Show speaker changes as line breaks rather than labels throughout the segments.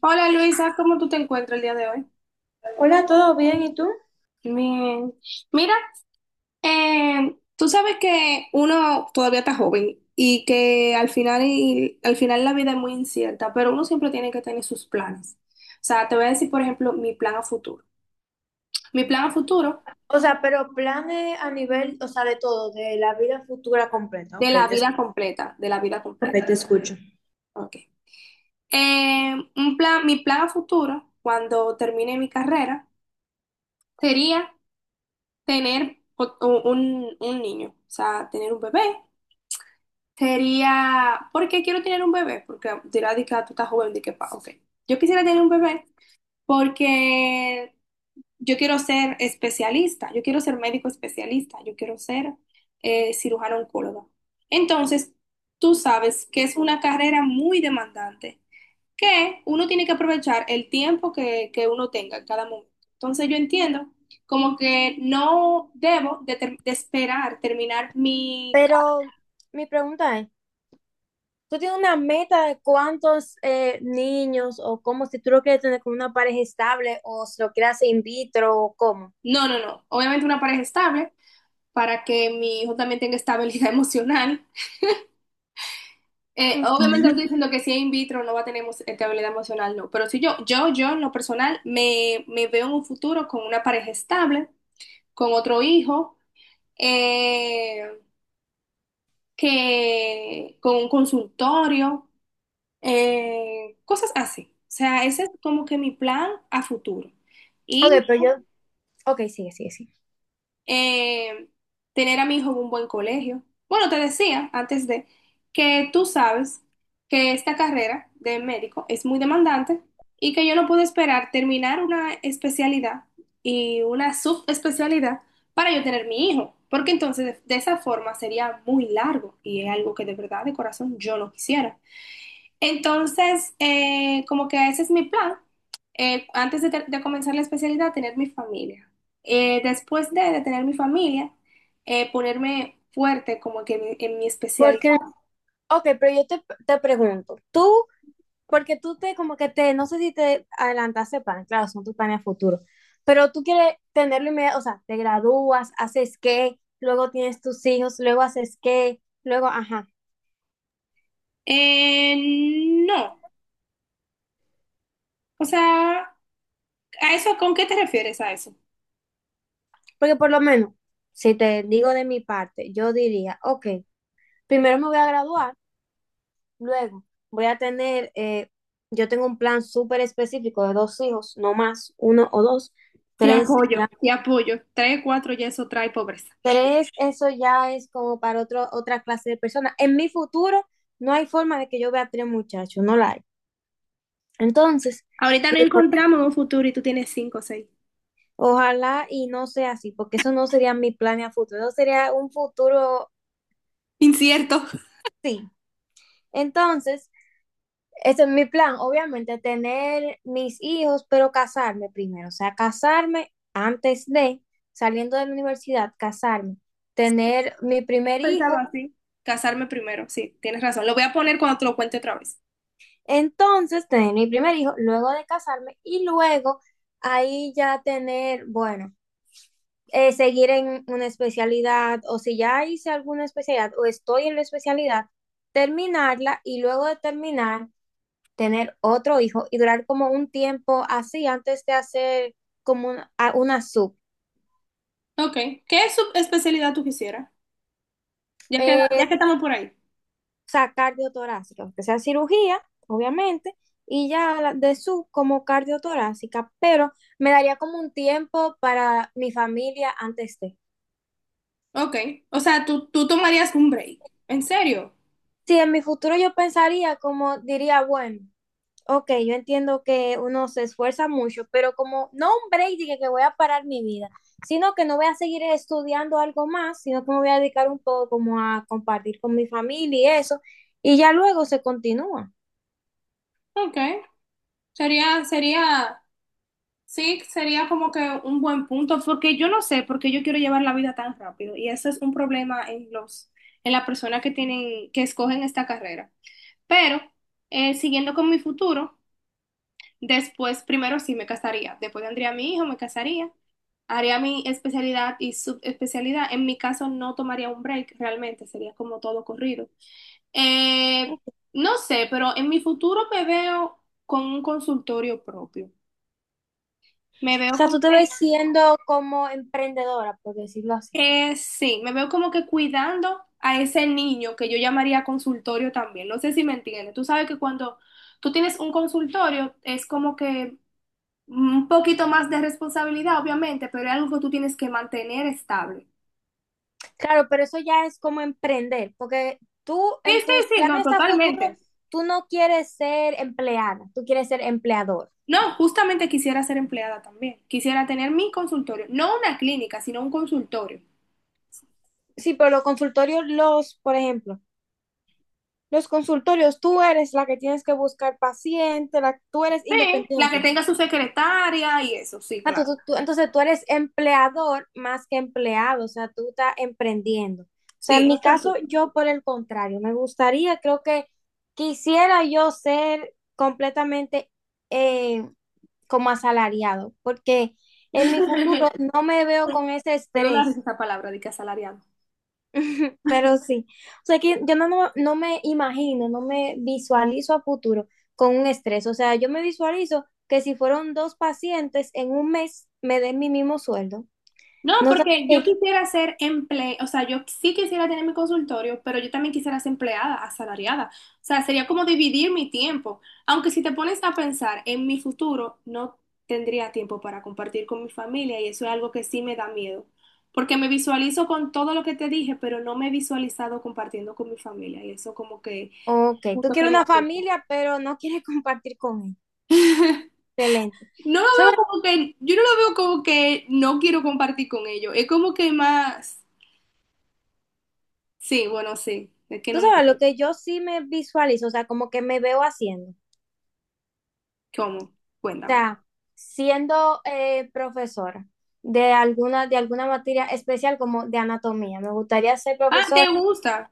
Hola Luisa, ¿cómo tú te encuentras el día de hoy?
Hola, ¿todo bien? ¿Y tú?
Bien. Mira, tú sabes que uno todavía está joven y que al final, al final la vida es muy incierta, pero uno siempre tiene que tener sus planes. O sea, te voy a decir, por ejemplo, mi plan a futuro. Mi plan a futuro
O sea, pero planes a nivel, o sea, de todo, de la vida futura completa.
de
Ok,
la
te, escu-
vida completa, de la vida completa.
ok, te escucho.
Ok. Un plan, mi plan a futuro, cuando termine mi carrera, sería tener un, niño, o sea, tener un bebé. ¿Sería, porque quiero tener un bebé? Porque dirá, di que ah, tú estás joven, di que pa, ok. Yo quisiera tener un bebé porque yo quiero ser especialista, yo quiero ser médico especialista, yo quiero ser cirujano oncólogo. Entonces, tú sabes que es una carrera muy demandante, que uno tiene que aprovechar el tiempo que uno tenga en cada momento. Entonces, yo entiendo como que no debo de, de esperar terminar mi... ca-
Pero mi pregunta es, ¿tú tienes una meta de cuántos niños o cómo si tú lo quieres tener con una pareja estable o si lo quieres hacer in vitro o cómo?
No, no, no. Obviamente una pareja estable, para que mi hijo también tenga estabilidad emocional.
Ok.
Obviamente no estoy diciendo que si es in vitro no va a tener estabilidad emocional, no, pero si yo en lo personal me veo en un futuro con una pareja estable, con otro hijo, eh, que con un consultorio, cosas así. O sea, ese es como que mi plan a futuro.
Ok,
Y
pero yo, ok, sigue, sigue, sigue.
eh, tener a mi hijo en un buen colegio. Bueno, te decía antes de que tú sabes que esta carrera de médico es muy demandante y que yo no puedo esperar terminar una especialidad y una subespecialidad para yo tener mi hijo, porque entonces de esa forma sería muy largo y es algo que de verdad, de corazón, yo no quisiera. Entonces, como que ese es mi plan. Antes de, de comenzar la especialidad, tener mi familia. Después de tener mi familia, ponerme fuerte como que en mi especialidad.
Porque, ok, pero yo te, te pregunto, ¿tú porque tú te, como que te, no sé si te adelantaste plan, claro, son tus planes a futuro, pero tú quieres tenerlo inmediato? O sea, te gradúas, haces qué, luego tienes tus hijos, luego haces qué, luego, ajá.
Eh, no, o sea, ¿a eso con qué te refieres a eso?
Porque por lo menos, si te digo de mi parte, yo diría, ok, primero me voy a graduar, luego voy a tener, yo tengo un plan súper específico de dos hijos, no más, uno o dos,
Te
tres,
apoyo,
ya.
te apoyo. Trae cuatro y eso trae pobreza.
Tres, eso ya es como para otro, otra clase de personas. En mi futuro no hay forma de que yo vea tres muchachos, no la hay. Entonces,
Ahorita no encontramos un futuro y tú tienes cinco o seis.
ojalá y no sea así, porque eso no sería mi plan a futuro, eso sería un futuro,
Incierto.
sí. Entonces, ese es mi plan, obviamente, tener mis hijos, pero casarme primero, o sea, casarme antes de, saliendo de la universidad, casarme, tener mi primer
Pensaba
hijo.
así. Casarme primero, sí, tienes razón. Lo voy a poner cuando te lo cuente otra vez.
Entonces, tener mi primer hijo, luego de casarme y luego ahí ya tener, bueno, seguir en una especialidad o si ya hice alguna especialidad o estoy en la especialidad, terminarla y luego de terminar, tener otro hijo y durar como un tiempo así antes de hacer como una, una sub.
Ok. ¿Qué subespecialidad tú quisieras?
Eh,
Ya que estamos por ahí.
o sea, cardiotorácica, aunque sea cirugía, obviamente, y ya de sub como cardiotorácica, pero me daría como un tiempo para mi familia antes de.
Ok. O sea, tú tomarías un break. ¿En serio?
Si en mi futuro yo pensaría como diría, bueno, ok, yo entiendo que uno se esfuerza mucho, pero como no un break de que voy a parar mi vida, sino que no voy a seguir estudiando algo más, sino que me voy a dedicar un poco como a compartir con mi familia y eso, y ya luego se continúa.
Ok. Sería, sería, sí, sería como que un buen punto, porque yo no sé porque yo quiero llevar la vida tan rápido. Y eso es un problema en los, en las personas que tienen, que escogen esta carrera. Pero, siguiendo con mi futuro. Después, primero sí me casaría, después tendría a mi hijo, me casaría, haría mi especialidad y subespecialidad. En mi caso no tomaría un break, realmente sería como todo corrido. Eh, no sé, pero en mi futuro me veo con un consultorio propio. Me veo
Sea,
como
tú te ves
que,
siendo como emprendedora, por decirlo así.
sí, me veo como que cuidando a ese niño que yo llamaría consultorio también. No sé si me entiendes. Tú sabes que cuando tú tienes un consultorio es como que un poquito más de responsabilidad, obviamente, pero es algo que tú tienes que mantener estable.
Claro, pero eso ya es como emprender, porque tú
Sí,
en tus
sí, sí, no,
planes a futuro,
totalmente.
tú no quieres ser empleada, tú quieres ser empleador.
No, justamente quisiera ser empleada también. Quisiera tener mi consultorio, no una clínica, sino un consultorio.
Sí, pero los consultorios, los, por ejemplo, los consultorios, tú eres la que tienes que buscar paciente, la, tú eres
Sí, la que
independiente.
tenga su secretaria y eso, sí,
Sea,
claro.
entonces tú eres empleador más que empleado, o sea, tú estás emprendiendo. O sea, en
Sí,
mi
eso
caso, yo por el contrario, me gustaría, creo que quisiera yo ser completamente eh, como asalariado, porque
sí.
en mi futuro no me veo con ese
Perdón la
estrés,
risa esa palabra de que asalariado.
pero sí. O sea, que yo no, no, no me imagino, no me visualizo a futuro con un estrés. O sea, yo me visualizo que si fueron dos pacientes en un mes, me den mi mismo sueldo.
No,
No sabes
porque yo
qué.
quisiera ser emple, o sea, yo sí quisiera tener mi consultorio, pero yo también quisiera ser empleada, asalariada. O sea, sería como dividir mi tiempo. Aunque si te pones a pensar en mi futuro, no tendría tiempo para compartir con mi familia y eso es algo que sí me da miedo. Porque me visualizo con todo lo que te dije, pero no me he visualizado compartiendo con mi familia y eso como que,
Ok, tú
justo que
quieres
me
una
asusta.
familia, pero no quieres compartir con él. Excelente.
No lo
¿Sabes?
veo como que, yo no lo veo como que no quiero compartir con ellos. Es como que más, sí, bueno, sí, es que
Tú
no me...
sabes lo que yo sí me visualizo, o sea, como que me veo haciendo. O
¿Cómo? Cuéntame.
sea, siendo profesora de alguna materia especial como de anatomía. Me gustaría ser
Ah, ¿te
profesora.
gusta?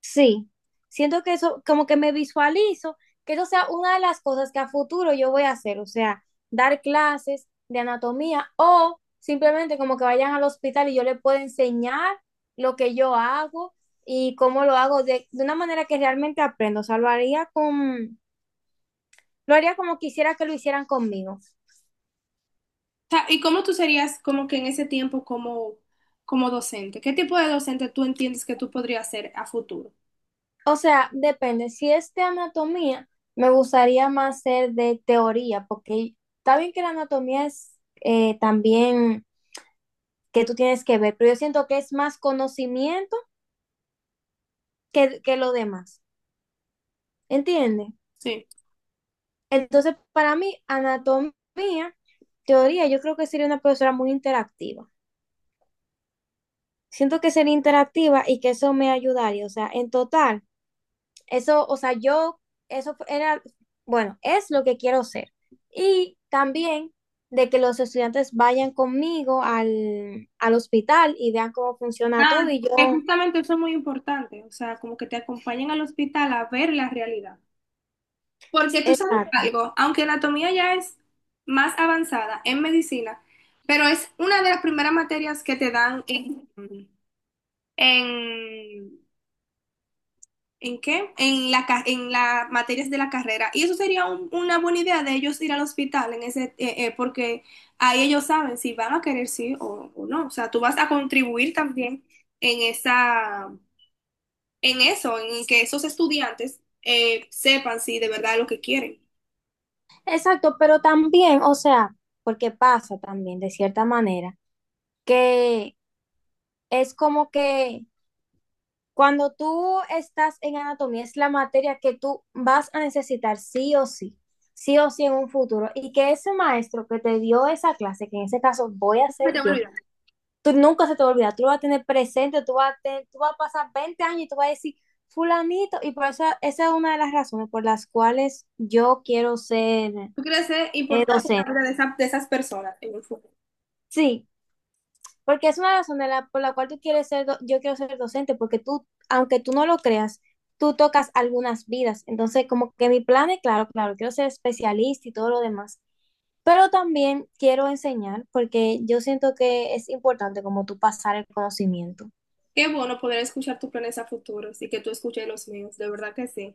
Sí, siento que eso, como que me visualizo, que eso sea una de las cosas que a futuro yo voy a hacer, o sea, dar clases de anatomía o simplemente como que vayan al hospital y yo les pueda enseñar lo que yo hago y cómo lo hago de una manera que realmente aprendo, o sea, lo haría con, lo haría como quisiera que lo hicieran conmigo.
O sea, ¿y cómo tú serías como que en ese tiempo como, como docente? ¿Qué tipo de docente tú entiendes que tú podrías ser a futuro?
O sea, depende, si es de anatomía, me gustaría más ser de teoría, porque está bien que la anatomía es también que tú tienes que ver, pero yo siento que es más conocimiento que lo demás, ¿entiendes?
Sí.
Entonces, para mí, anatomía, teoría, yo creo que sería una profesora muy interactiva. Siento que sería interactiva y que eso me ayudaría, o sea, en total, eso, o sea, yo, eso era, bueno, es lo que quiero ser. Y también de que los estudiantes vayan conmigo al, al hospital y vean cómo funciona todo
Ah,
y
que
yo,
justamente eso es muy importante, o sea, como que te acompañen al hospital a ver la realidad. Porque tú sabes
exacto.
algo, aunque anatomía ya es más avanzada en medicina, pero es una de las primeras materias que te dan en ¿En qué? En la, en las materias de la carrera. Y eso sería una buena idea de ellos ir al hospital en ese, porque ahí ellos saben si van a querer sí o no. O sea, tú vas a contribuir también en esa, en eso, en que esos estudiantes sepan si de verdad es lo que quieren.
Exacto, pero también, o sea, porque pasa también de cierta manera, que es como que cuando tú estás en anatomía es la materia que tú vas a necesitar sí o sí en un futuro, y que ese maestro que te dio esa clase, que en ese caso voy a
Nunca
ser
te voy a
yo,
olvidar.
tú nunca se te olvida, tú lo vas a tener presente, tú vas a, tú vas a pasar 20 años y tú vas a decir, fulanito, y por eso esa es una de las razones por las cuales yo quiero ser
Tú quieres ser importante en
docente.
la vida de, de esas personas en el futuro.
Sí, porque es una razón de por la cual tú quieres ser, yo quiero ser docente, porque tú, aunque tú no lo creas, tú tocas algunas vidas. Entonces, como que mi plan es, claro, claro, quiero ser especialista y todo lo demás, pero también quiero enseñar, porque yo siento que es importante como tú pasar el conocimiento.
Qué bueno poder escuchar tus planes a futuros y que tú escuches los míos. De verdad que sí.